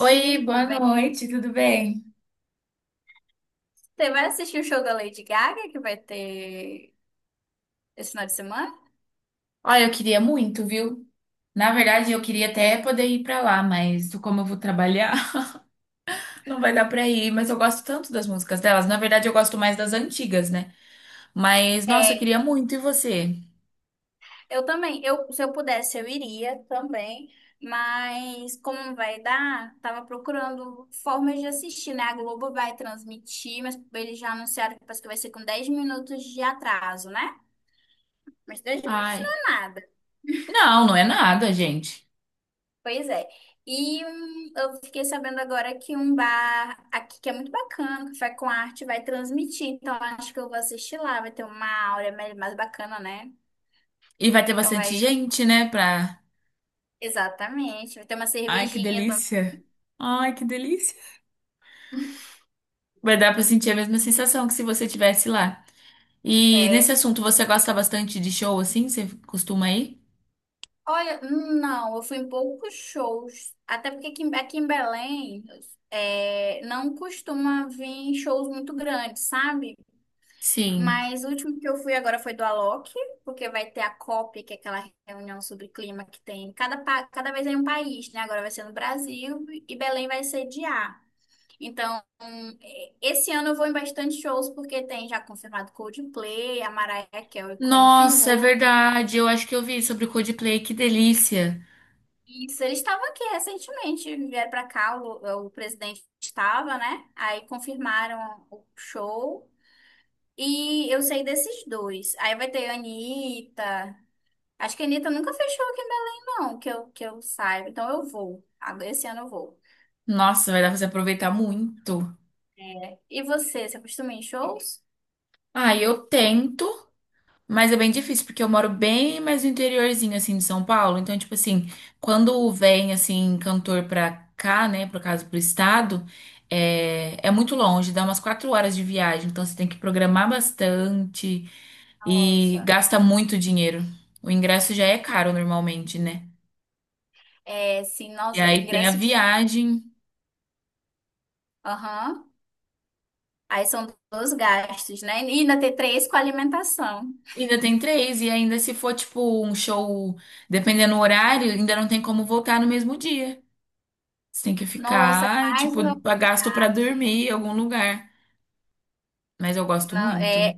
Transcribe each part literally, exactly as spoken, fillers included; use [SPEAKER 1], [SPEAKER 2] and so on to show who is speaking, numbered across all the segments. [SPEAKER 1] Oi,
[SPEAKER 2] tudo
[SPEAKER 1] boa
[SPEAKER 2] bem?
[SPEAKER 1] noite, tudo bem?
[SPEAKER 2] Você vai assistir o show da Lady Gaga que vai ter esse final de semana?
[SPEAKER 1] Olha, eu queria muito, viu? Na verdade, eu queria até poder ir pra lá, mas como eu vou trabalhar, não vai dar pra ir. Mas eu gosto tanto das músicas delas. Na verdade, eu gosto mais das antigas, né? Mas, nossa, eu
[SPEAKER 2] É,
[SPEAKER 1] queria muito. E você?
[SPEAKER 2] eu também. Eu, se eu pudesse, eu iria também. Mas como não vai dar, tava procurando formas de assistir, né? A Globo vai transmitir, mas eles já anunciaram que parece que vai ser com dez minutos de atraso, né? Mas dez minutos não
[SPEAKER 1] Ai,
[SPEAKER 2] é nada.
[SPEAKER 1] não, não é nada, gente.
[SPEAKER 2] Pois é. E hum, eu fiquei sabendo agora que um bar aqui que é muito bacana, Café com Arte, vai transmitir. Então acho que eu vou assistir lá. Vai ter uma aura mais mais bacana, né?
[SPEAKER 1] E vai ter
[SPEAKER 2] Então
[SPEAKER 1] bastante
[SPEAKER 2] vai.
[SPEAKER 1] gente, né? Pra.
[SPEAKER 2] Exatamente. Vai ter uma
[SPEAKER 1] Ai, que
[SPEAKER 2] cervejinha. Então.
[SPEAKER 1] delícia! Ai, que delícia! Vai dar pra sentir a mesma sensação que se você tivesse lá. E nesse
[SPEAKER 2] É.
[SPEAKER 1] assunto, você gosta bastante de show assim? Você costuma ir?
[SPEAKER 2] Olha, hum, não, eu fui em poucos shows. Até porque aqui, em- aqui em Belém é, não costuma vir shows muito grandes, sabe?
[SPEAKER 1] Sim.
[SPEAKER 2] Mas o último que eu fui agora foi do Alok, porque vai ter a COP, que é aquela reunião sobre clima que tem cada, pa- cada vez em um país, né? Agora vai ser no Brasil e Belém vai sediar. Então, eh, esse ano eu vou em bastante shows, porque tem já confirmado Coldplay, a Mariah Carey
[SPEAKER 1] Nossa, é
[SPEAKER 2] confirmou.
[SPEAKER 1] verdade. Eu acho que eu vi sobre o Coldplay, que delícia.
[SPEAKER 2] Isso, eles estavam aqui recentemente, vieram para cá, o, o presidente estava, né? Aí confirmaram o show. E eu sei desses dois. Aí vai ter Anitta. Acho que a Anitta nunca fechou aqui em Belém, não, que eu, que eu saiba. Então eu vou. Agora, esse ano eu vou.
[SPEAKER 1] Nossa, vai dar pra você aproveitar muito.
[SPEAKER 2] E você, você costuma ir em shows?
[SPEAKER 1] Ah, eu tento, mas é bem difícil, porque eu moro bem mais no interiorzinho, assim, de São Paulo. Então, tipo assim, quando vem, assim, cantor pra cá, né, por caso, pro estado, é, é muito longe, dá umas quatro horas de viagem. Então, você tem que programar bastante e
[SPEAKER 2] Nossa.
[SPEAKER 1] gasta muito dinheiro. O ingresso já é caro normalmente, né?
[SPEAKER 2] É, sim,
[SPEAKER 1] E
[SPEAKER 2] nossa,
[SPEAKER 1] aí tem a
[SPEAKER 2] ingresso de.
[SPEAKER 1] viagem.
[SPEAKER 2] Aham. Aí são dois gastos, né? E ainda tem três com alimentação.
[SPEAKER 1] Ainda tem três, e ainda se for, tipo, um show, dependendo do horário, ainda não tem como voltar no mesmo dia. Você tem que
[SPEAKER 2] Nossa, é
[SPEAKER 1] ficar, e,
[SPEAKER 2] mais
[SPEAKER 1] tipo,
[SPEAKER 2] uma
[SPEAKER 1] gasto pra
[SPEAKER 2] oportunidade.
[SPEAKER 1] dormir em algum lugar. Mas eu gosto
[SPEAKER 2] Não,
[SPEAKER 1] muito.
[SPEAKER 2] é,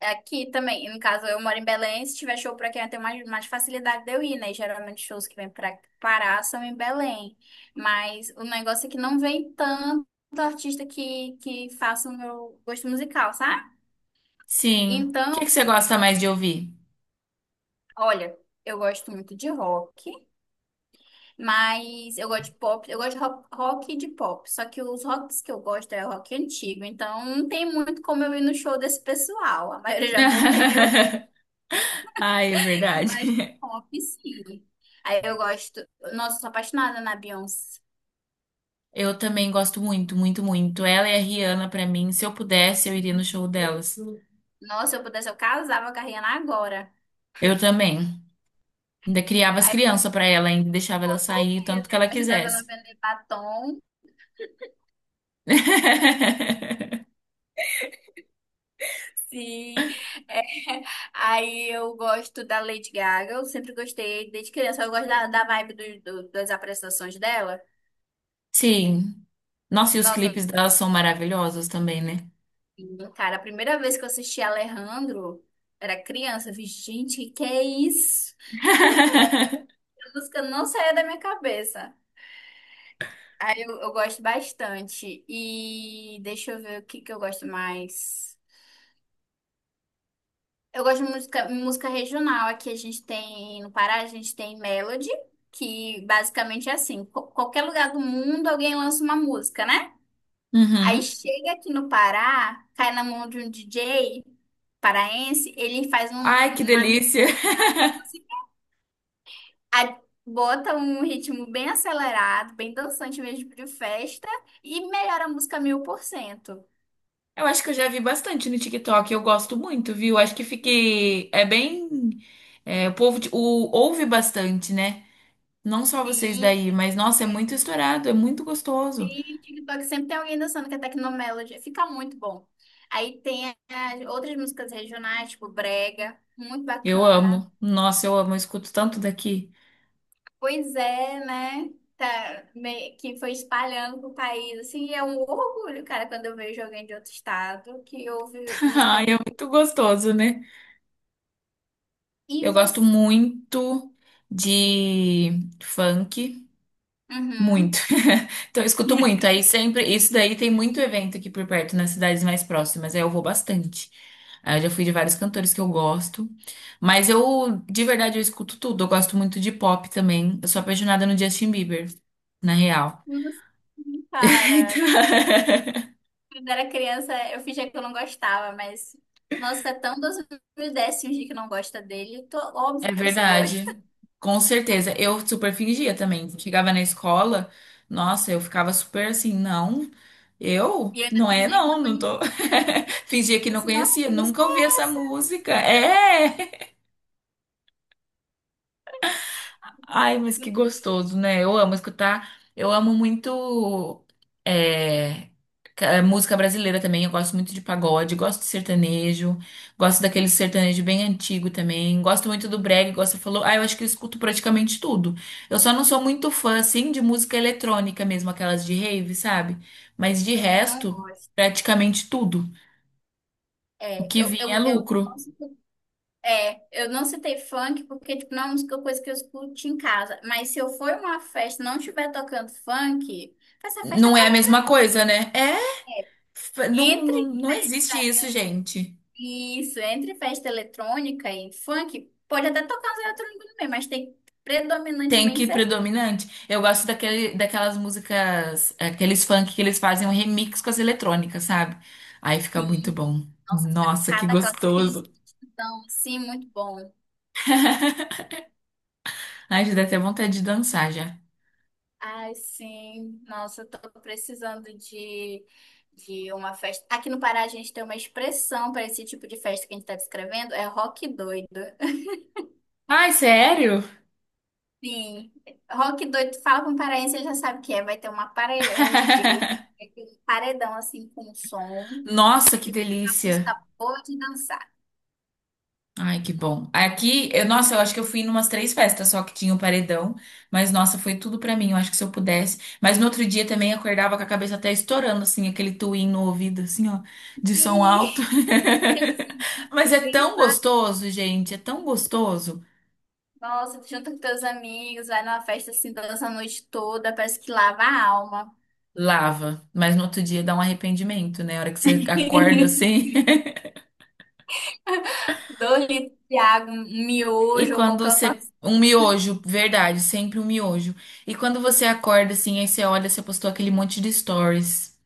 [SPEAKER 2] É aqui também, no caso, eu moro em Belém, se tiver show pra quem eu tenho mais, mais facilidade de eu ir, né? Geralmente shows que vêm pra Pará são em Belém. Mas o negócio é que não vem tanto artista que, que faça o meu gosto musical, sabe?
[SPEAKER 1] Sim. O que que
[SPEAKER 2] Então,
[SPEAKER 1] você gosta mais de ouvir?
[SPEAKER 2] olha, eu gosto muito de rock, mas eu gosto de pop, eu gosto de rock, rock e de pop. Só que os rocks que eu gosto é rock antigo, então não tem muito como eu ir no show desse pessoal. A maioria já morreu.
[SPEAKER 1] Ai, é verdade.
[SPEAKER 2] Mas pop, sim. Aí eu gosto. Nossa, eu sou apaixonada na Beyoncé.
[SPEAKER 1] Eu também gosto muito, muito, muito. Ela e a Rihanna, pra mim, se eu pudesse, eu iria no
[SPEAKER 2] E,
[SPEAKER 1] show delas.
[SPEAKER 2] nossa, se eu pudesse, eu casava com a Rihanna agora.
[SPEAKER 1] Eu também. Ainda criava as
[SPEAKER 2] Aí eu,
[SPEAKER 1] crianças pra ela, ainda deixava
[SPEAKER 2] com
[SPEAKER 1] ela sair o tanto que
[SPEAKER 2] certeza.
[SPEAKER 1] ela
[SPEAKER 2] Ajudava ela a
[SPEAKER 1] quisesse.
[SPEAKER 2] vender batom. Sim. É. Aí eu gosto da Lady Gaga. Eu sempre gostei desde criança. Eu gosto da, da vibe do, do- das apresentações dela.
[SPEAKER 1] Sim. Nossa, e os
[SPEAKER 2] Nossa,
[SPEAKER 1] clipes dela são maravilhosos também, né?
[SPEAKER 2] cara, a primeira vez que eu assisti Alejandro, era criança. Eu fiz, gente, que que é isso? A música não saía da minha cabeça. Aí eu, eu gosto bastante. E deixa eu ver o que que eu gosto mais. Eu gosto de música, música regional. Aqui a gente tem, no Pará, a gente tem Melody, que basicamente é assim: qu- qualquer lugar do mundo alguém lança uma música, né? Aí
[SPEAKER 1] Uhum.
[SPEAKER 2] chega aqui no Pará, cai na mão de um D J paraense, ele faz um,
[SPEAKER 1] Ai, que
[SPEAKER 2] uma mix,
[SPEAKER 1] delícia!
[SPEAKER 2] a- Bota um ritmo bem acelerado, bem dançante mesmo de festa e melhora a música mil por cento.
[SPEAKER 1] Eu acho que eu já vi bastante no TikTok, eu gosto muito, viu? Acho que fiquei. É bem. É, o povo de- o, Ouve bastante, né? Não só vocês
[SPEAKER 2] Sim,
[SPEAKER 1] daí, mas nossa, é
[SPEAKER 2] é.
[SPEAKER 1] muito estourado, é muito gostoso.
[SPEAKER 2] E TikTok sempre tem alguém dançando que é Tecnomelody. Fica muito bom. Aí tem as outras músicas regionais, tipo Brega, muito
[SPEAKER 1] Eu
[SPEAKER 2] bacana.
[SPEAKER 1] amo. Nossa, eu amo, eu escuto tanto daqui.
[SPEAKER 2] Pois é, né? Tá, me- que foi espalhando pro país. Assim, é um orgulho, cara, quando eu vejo alguém de outro estado que ouve música.
[SPEAKER 1] Ai, é muito gostoso, né?
[SPEAKER 2] E
[SPEAKER 1] Eu gosto
[SPEAKER 2] você?
[SPEAKER 1] muito de funk. Muito.
[SPEAKER 2] Uhum.
[SPEAKER 1] Então, eu escuto muito. Aí sempre, isso daí tem muito evento aqui por perto, nas cidades mais próximas. Aí eu vou bastante. Aí eu já fui de vários cantores que eu gosto. Mas eu, de verdade, eu escuto tudo. Eu gosto muito de pop também. Eu sou apaixonada no Justin Bieber, na real.
[SPEAKER 2] Nossa, cara,
[SPEAKER 1] Então,
[SPEAKER 2] quando era criança, eu fingia que eu não gostava, mas. Nossa, é tão dos mil décimos de que não gosta dele. Tô. Óbvio
[SPEAKER 1] é
[SPEAKER 2] que você gosta.
[SPEAKER 1] verdade, com certeza. Eu super fingia também. Chegava na escola, nossa, eu ficava super assim, não, eu?
[SPEAKER 2] E eu ainda
[SPEAKER 1] Não é,
[SPEAKER 2] fingia que
[SPEAKER 1] não,
[SPEAKER 2] não
[SPEAKER 1] não
[SPEAKER 2] conhecia.
[SPEAKER 1] tô. Fingia que
[SPEAKER 2] Eu
[SPEAKER 1] não
[SPEAKER 2] disse, nossa,
[SPEAKER 1] conhecia,
[SPEAKER 2] que música
[SPEAKER 1] nunca ouvi essa música. É! Ai, mas
[SPEAKER 2] é
[SPEAKER 1] que
[SPEAKER 2] essa?
[SPEAKER 1] gostoso, né? Eu amo escutar. Eu amo muito é, ca- eh, música brasileira também. Eu gosto muito de pagode, gosto de sertanejo, gosto daquele sertanejo bem antigo também. Gosto muito do brega, gosto, falou. Ah, eu acho que eu escuto praticamente tudo. Eu só não sou muito fã, assim, de música eletrônica mesmo, aquelas de rave, sabe? Mas de
[SPEAKER 2] Também não
[SPEAKER 1] resto,
[SPEAKER 2] gosto.
[SPEAKER 1] praticamente tudo. O
[SPEAKER 2] É,
[SPEAKER 1] que
[SPEAKER 2] eu,
[SPEAKER 1] vinha é
[SPEAKER 2] eu, eu, não
[SPEAKER 1] lucro.
[SPEAKER 2] citei- é, eu não citei funk porque, tipo, não é uma música, coisa que eu escuto em casa. Mas se eu for em uma festa e não estiver tocando funk, essa festa
[SPEAKER 1] Não é a
[SPEAKER 2] acabou pra
[SPEAKER 1] mesma
[SPEAKER 2] mim.
[SPEAKER 1] coisa, né? É, f- não,
[SPEAKER 2] Entre
[SPEAKER 1] não, não existe
[SPEAKER 2] festa,
[SPEAKER 1] isso, gente.
[SPEAKER 2] isso, entre festa eletrônica e funk, pode até tocar os eletrônicos também, mas tem
[SPEAKER 1] Tem que
[SPEAKER 2] predominantemente
[SPEAKER 1] ir
[SPEAKER 2] ser funk.
[SPEAKER 1] predominante. Eu gosto daquele, daquelas músicas, aqueles funk que eles fazem um remix com as eletrônicas, sabe? Aí fica muito
[SPEAKER 2] Sim,
[SPEAKER 1] bom.
[SPEAKER 2] nossa, fica
[SPEAKER 1] Nossa, que
[SPEAKER 2] cada aquela, aqueles
[SPEAKER 1] gostoso.
[SPEAKER 2] beatzão, assim, muito bom.
[SPEAKER 1] Ai, já dá até vontade de dançar já.
[SPEAKER 2] Ai, sim. Nossa, eu tô precisando de, de uma festa. Aqui no Pará a gente tem uma expressão para esse tipo de festa que a gente tá descrevendo, é rock doido.
[SPEAKER 1] Ai, sério?
[SPEAKER 2] Sim. Rock doido, tu fala com um paraense, ele já sabe o que é. Vai ter uma pare... um D J, um paredão assim com som,
[SPEAKER 1] Nossa, que
[SPEAKER 2] que vai tocar
[SPEAKER 1] delícia.
[SPEAKER 2] música boa de dançar.
[SPEAKER 1] Ai, que bom. Aqui, eu, nossa, eu acho que eu fui em umas três festas só que tinha o paredão, mas nossa, foi tudo pra mim. Eu acho que se eu pudesse. Mas no outro dia também acordava com a cabeça até estourando, assim, aquele tuim no ouvido, assim, ó, de
[SPEAKER 2] Sim,
[SPEAKER 1] som alto.
[SPEAKER 2] aqueles sentidos
[SPEAKER 1] Mas é
[SPEAKER 2] bem
[SPEAKER 1] tão
[SPEAKER 2] fa-
[SPEAKER 1] gostoso, gente, é tão gostoso.
[SPEAKER 2] Nossa, tu junta com teus amigos, vai numa festa assim, dança a noite toda, parece que lava a alma.
[SPEAKER 1] Lava, mas no outro dia dá um arrependimento, né? A hora que você acorda assim.
[SPEAKER 2] dois litros de água, um um
[SPEAKER 1] E
[SPEAKER 2] miojo ou
[SPEAKER 1] quando
[SPEAKER 2] qualquer outra
[SPEAKER 1] você.
[SPEAKER 2] coisa
[SPEAKER 1] Um miojo, verdade, sempre um miojo. E quando você acorda assim, aí você olha, você postou aquele monte de stories.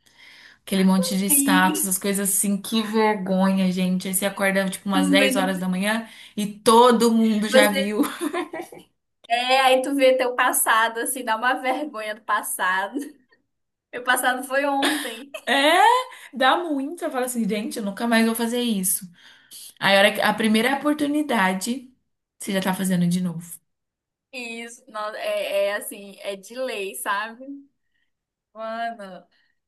[SPEAKER 1] Aquele monte de status, as
[SPEAKER 2] assim.
[SPEAKER 1] coisas assim, que vergonha, gente. Aí você acorda tipo
[SPEAKER 2] Tu
[SPEAKER 1] umas dez
[SPEAKER 2] vendo,
[SPEAKER 1] horas da manhã e todo mundo já
[SPEAKER 2] você
[SPEAKER 1] viu.
[SPEAKER 2] é, aí tu vê teu passado, assim, dá uma vergonha do passado. Meu passado foi ontem.
[SPEAKER 1] É, dá muito. Eu falo assim, gente, eu nunca mais vou fazer isso. Aí a hora que- a primeira oportunidade, você já tá fazendo de novo.
[SPEAKER 2] E isso, não, é, é assim, é de lei, sabe? Mano,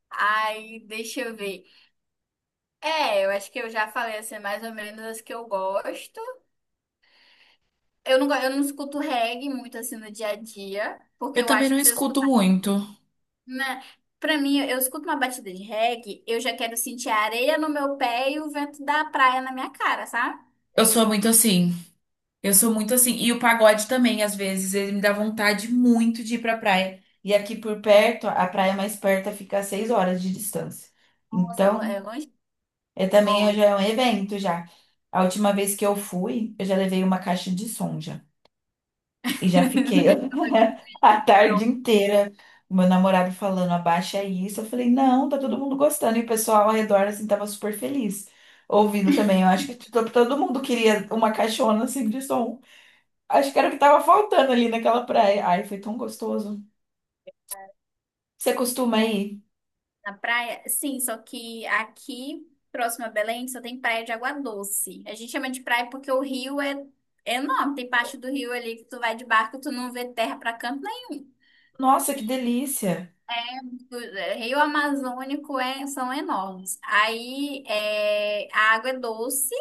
[SPEAKER 2] aí deixa eu ver. É, eu acho que eu já falei assim, mais ou menos as que eu gosto. Eu não, go- eu não escuto reggae muito assim no dia a dia, porque
[SPEAKER 1] Eu
[SPEAKER 2] eu
[SPEAKER 1] também
[SPEAKER 2] acho
[SPEAKER 1] não
[SPEAKER 2] que se eu
[SPEAKER 1] escuto
[SPEAKER 2] escutar.
[SPEAKER 1] muito.
[SPEAKER 2] Né? Pra mim, eu escuto uma batida de reggae, eu já quero sentir a areia no meu pé e o vento da praia na minha cara, sabe?
[SPEAKER 1] Eu sou muito assim. Eu sou muito assim. E o pagode também, às vezes, ele me dá vontade muito de ir pra praia. E aqui por perto, a praia mais perto fica a seis horas de distância.
[SPEAKER 2] Nossa, é lo-
[SPEAKER 1] Então.
[SPEAKER 2] é longe?
[SPEAKER 1] É também é- já é
[SPEAKER 2] Longe.
[SPEAKER 1] um evento já. A última vez que eu fui, eu já levei uma caixa de som já. E já fiquei
[SPEAKER 2] Eu fui
[SPEAKER 1] a tarde
[SPEAKER 2] pronto
[SPEAKER 1] inteira. Meu namorado falando, abaixa isso. Eu falei, não, tá todo mundo gostando. E o pessoal ao redor, assim, tava super feliz. Ouvindo também. Eu acho que to- todo mundo queria uma caixona, assim, de som. Acho que era o que tava faltando ali naquela praia. Ai, foi tão gostoso. Você costuma ir?
[SPEAKER 2] na praia. Sim, só que aqui, próximo a Belém, só tem praia de água doce. A gente chama de praia porque o rio é enorme. Tem parte do rio ali que tu vai de barco, e tu não vê terra pra canto nenhum.
[SPEAKER 1] Nossa, que delícia.
[SPEAKER 2] O é, Rio Amazônico é, são enormes. Aí é, a água é doce.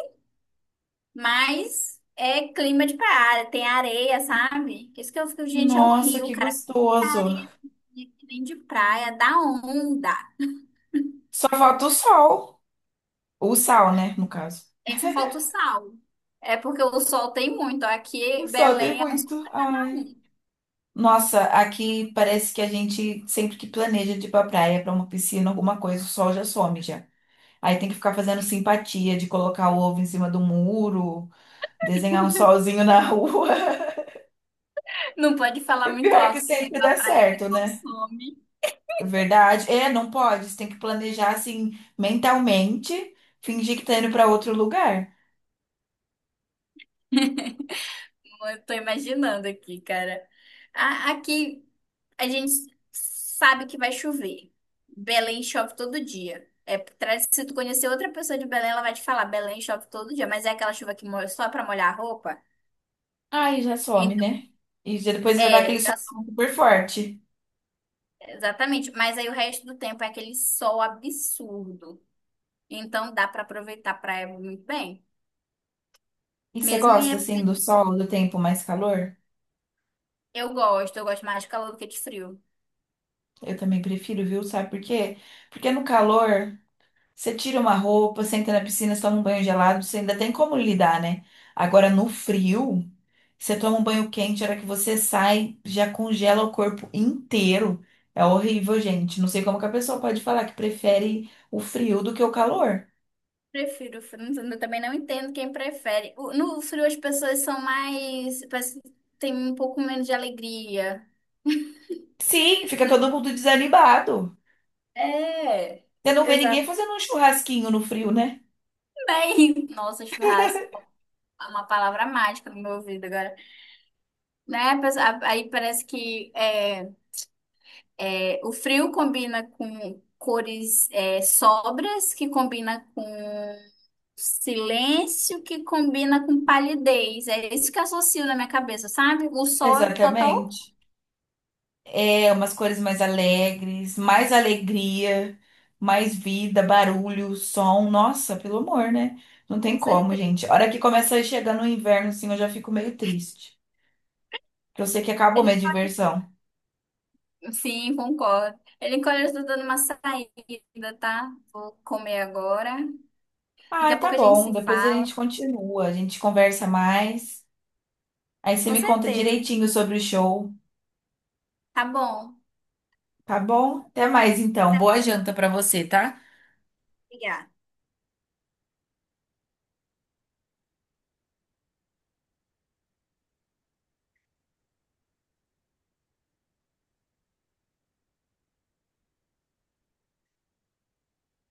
[SPEAKER 2] Mas é clima de praia, tem areia, sabe? Isso que eu fico, gente, é um
[SPEAKER 1] Nossa,
[SPEAKER 2] rio,
[SPEAKER 1] que
[SPEAKER 2] cara.
[SPEAKER 1] gostoso.
[SPEAKER 2] Tem de praia, dá onda.
[SPEAKER 1] Só falta o sol. O sal, né, no caso.
[SPEAKER 2] É, só falta o sal. É porque o sol tem muito.
[SPEAKER 1] O
[SPEAKER 2] Aqui,
[SPEAKER 1] sol tem
[SPEAKER 2] Belém é um sol.
[SPEAKER 1] muito.
[SPEAKER 2] Pra
[SPEAKER 1] Ai.
[SPEAKER 2] um.
[SPEAKER 1] Nossa, aqui parece que a gente, sempre que planeja de ir pra praia, pra uma piscina, alguma coisa, o sol já some já. Aí tem que ficar fazendo simpatia de colocar o ovo em cima do muro, desenhar um solzinho na rua.
[SPEAKER 2] Não pode
[SPEAKER 1] E
[SPEAKER 2] falar
[SPEAKER 1] o
[SPEAKER 2] muito
[SPEAKER 1] pior é que
[SPEAKER 2] alto, porque é
[SPEAKER 1] sempre
[SPEAKER 2] pra
[SPEAKER 1] dá
[SPEAKER 2] praia que o
[SPEAKER 1] certo, né?
[SPEAKER 2] sol some.
[SPEAKER 1] É verdade. É, não pode. Você tem que planejar assim, mentalmente, fingir que tá indo pra outro lugar.
[SPEAKER 2] Eu tô imaginando aqui, cara. A- Aqui, a gente sabe que vai chover. Belém chove todo dia. É, tra- se tu conhecer outra pessoa de Belém, ela vai te falar, Belém chove todo dia, mas é aquela chuva que molha só pra molhar a roupa.
[SPEAKER 1] Aí já some,
[SPEAKER 2] Então,
[SPEAKER 1] né? E já- depois já dá
[SPEAKER 2] é,
[SPEAKER 1] aquele sol
[SPEAKER 2] dá-
[SPEAKER 1] super forte.
[SPEAKER 2] exatamente. Mas aí o resto do tempo é aquele sol absurdo. Então dá pra aproveitar a praia muito bem.
[SPEAKER 1] E você
[SPEAKER 2] Mesmo em
[SPEAKER 1] gosta,
[SPEAKER 2] época
[SPEAKER 1] assim, do
[SPEAKER 2] de...
[SPEAKER 1] sol, do tempo mais calor?
[SPEAKER 2] Eu gosto, eu gosto mais de calor do que de frio.
[SPEAKER 1] Eu também prefiro, viu? Sabe por quê? Porque no calor, você tira uma roupa, você entra na piscina, você toma um banho gelado, você ainda tem como lidar, né? Agora, no frio, você toma um banho quente, a hora que você sai, já congela o corpo inteiro. É horrível, gente. Não sei como que a pessoa pode falar que prefere o frio do que o calor.
[SPEAKER 2] Prefiro frio, mas eu também não entendo quem prefere. O- No frio as pessoas são mais, parece que tem um pouco menos de alegria.
[SPEAKER 1] Sim, fica todo mundo desanimado.
[SPEAKER 2] É,
[SPEAKER 1] Você não vê ninguém
[SPEAKER 2] exatamente.
[SPEAKER 1] fazendo um churrasquinho no frio, né?
[SPEAKER 2] Nossa, churrasco é uma palavra mágica no meu ouvido agora. Né? Mas a aí parece que é, é, o frio combina com cores é, sóbrias, que combina com silêncio, que combina com palidez. É isso que eu associo na minha cabeça, sabe? O sol é total,
[SPEAKER 1] Exatamente. É, umas cores mais alegres, mais alegria, mais vida, barulho, som. Nossa, pelo amor, né? Não tem
[SPEAKER 2] com
[SPEAKER 1] como,
[SPEAKER 2] certeza.
[SPEAKER 1] gente. A hora que começa a chegar no inverno, assim, eu já fico meio triste. Porque eu sei que acabou minha
[SPEAKER 2] Ele-
[SPEAKER 1] diversão.
[SPEAKER 2] Sim, concordo. Ele encolheu, eu estou dando uma saída, tá? Vou comer agora. Daqui
[SPEAKER 1] Ah,
[SPEAKER 2] a
[SPEAKER 1] tá
[SPEAKER 2] pouco a gente
[SPEAKER 1] bom.
[SPEAKER 2] se
[SPEAKER 1] Depois a
[SPEAKER 2] fala.
[SPEAKER 1] gente continua, a gente conversa mais. Aí você
[SPEAKER 2] Com
[SPEAKER 1] me conta
[SPEAKER 2] certeza.
[SPEAKER 1] direitinho sobre o show,
[SPEAKER 2] Tá bom.
[SPEAKER 1] tá bom? Até mais, então. Boa janta pra você, tá?
[SPEAKER 2] Obrigada.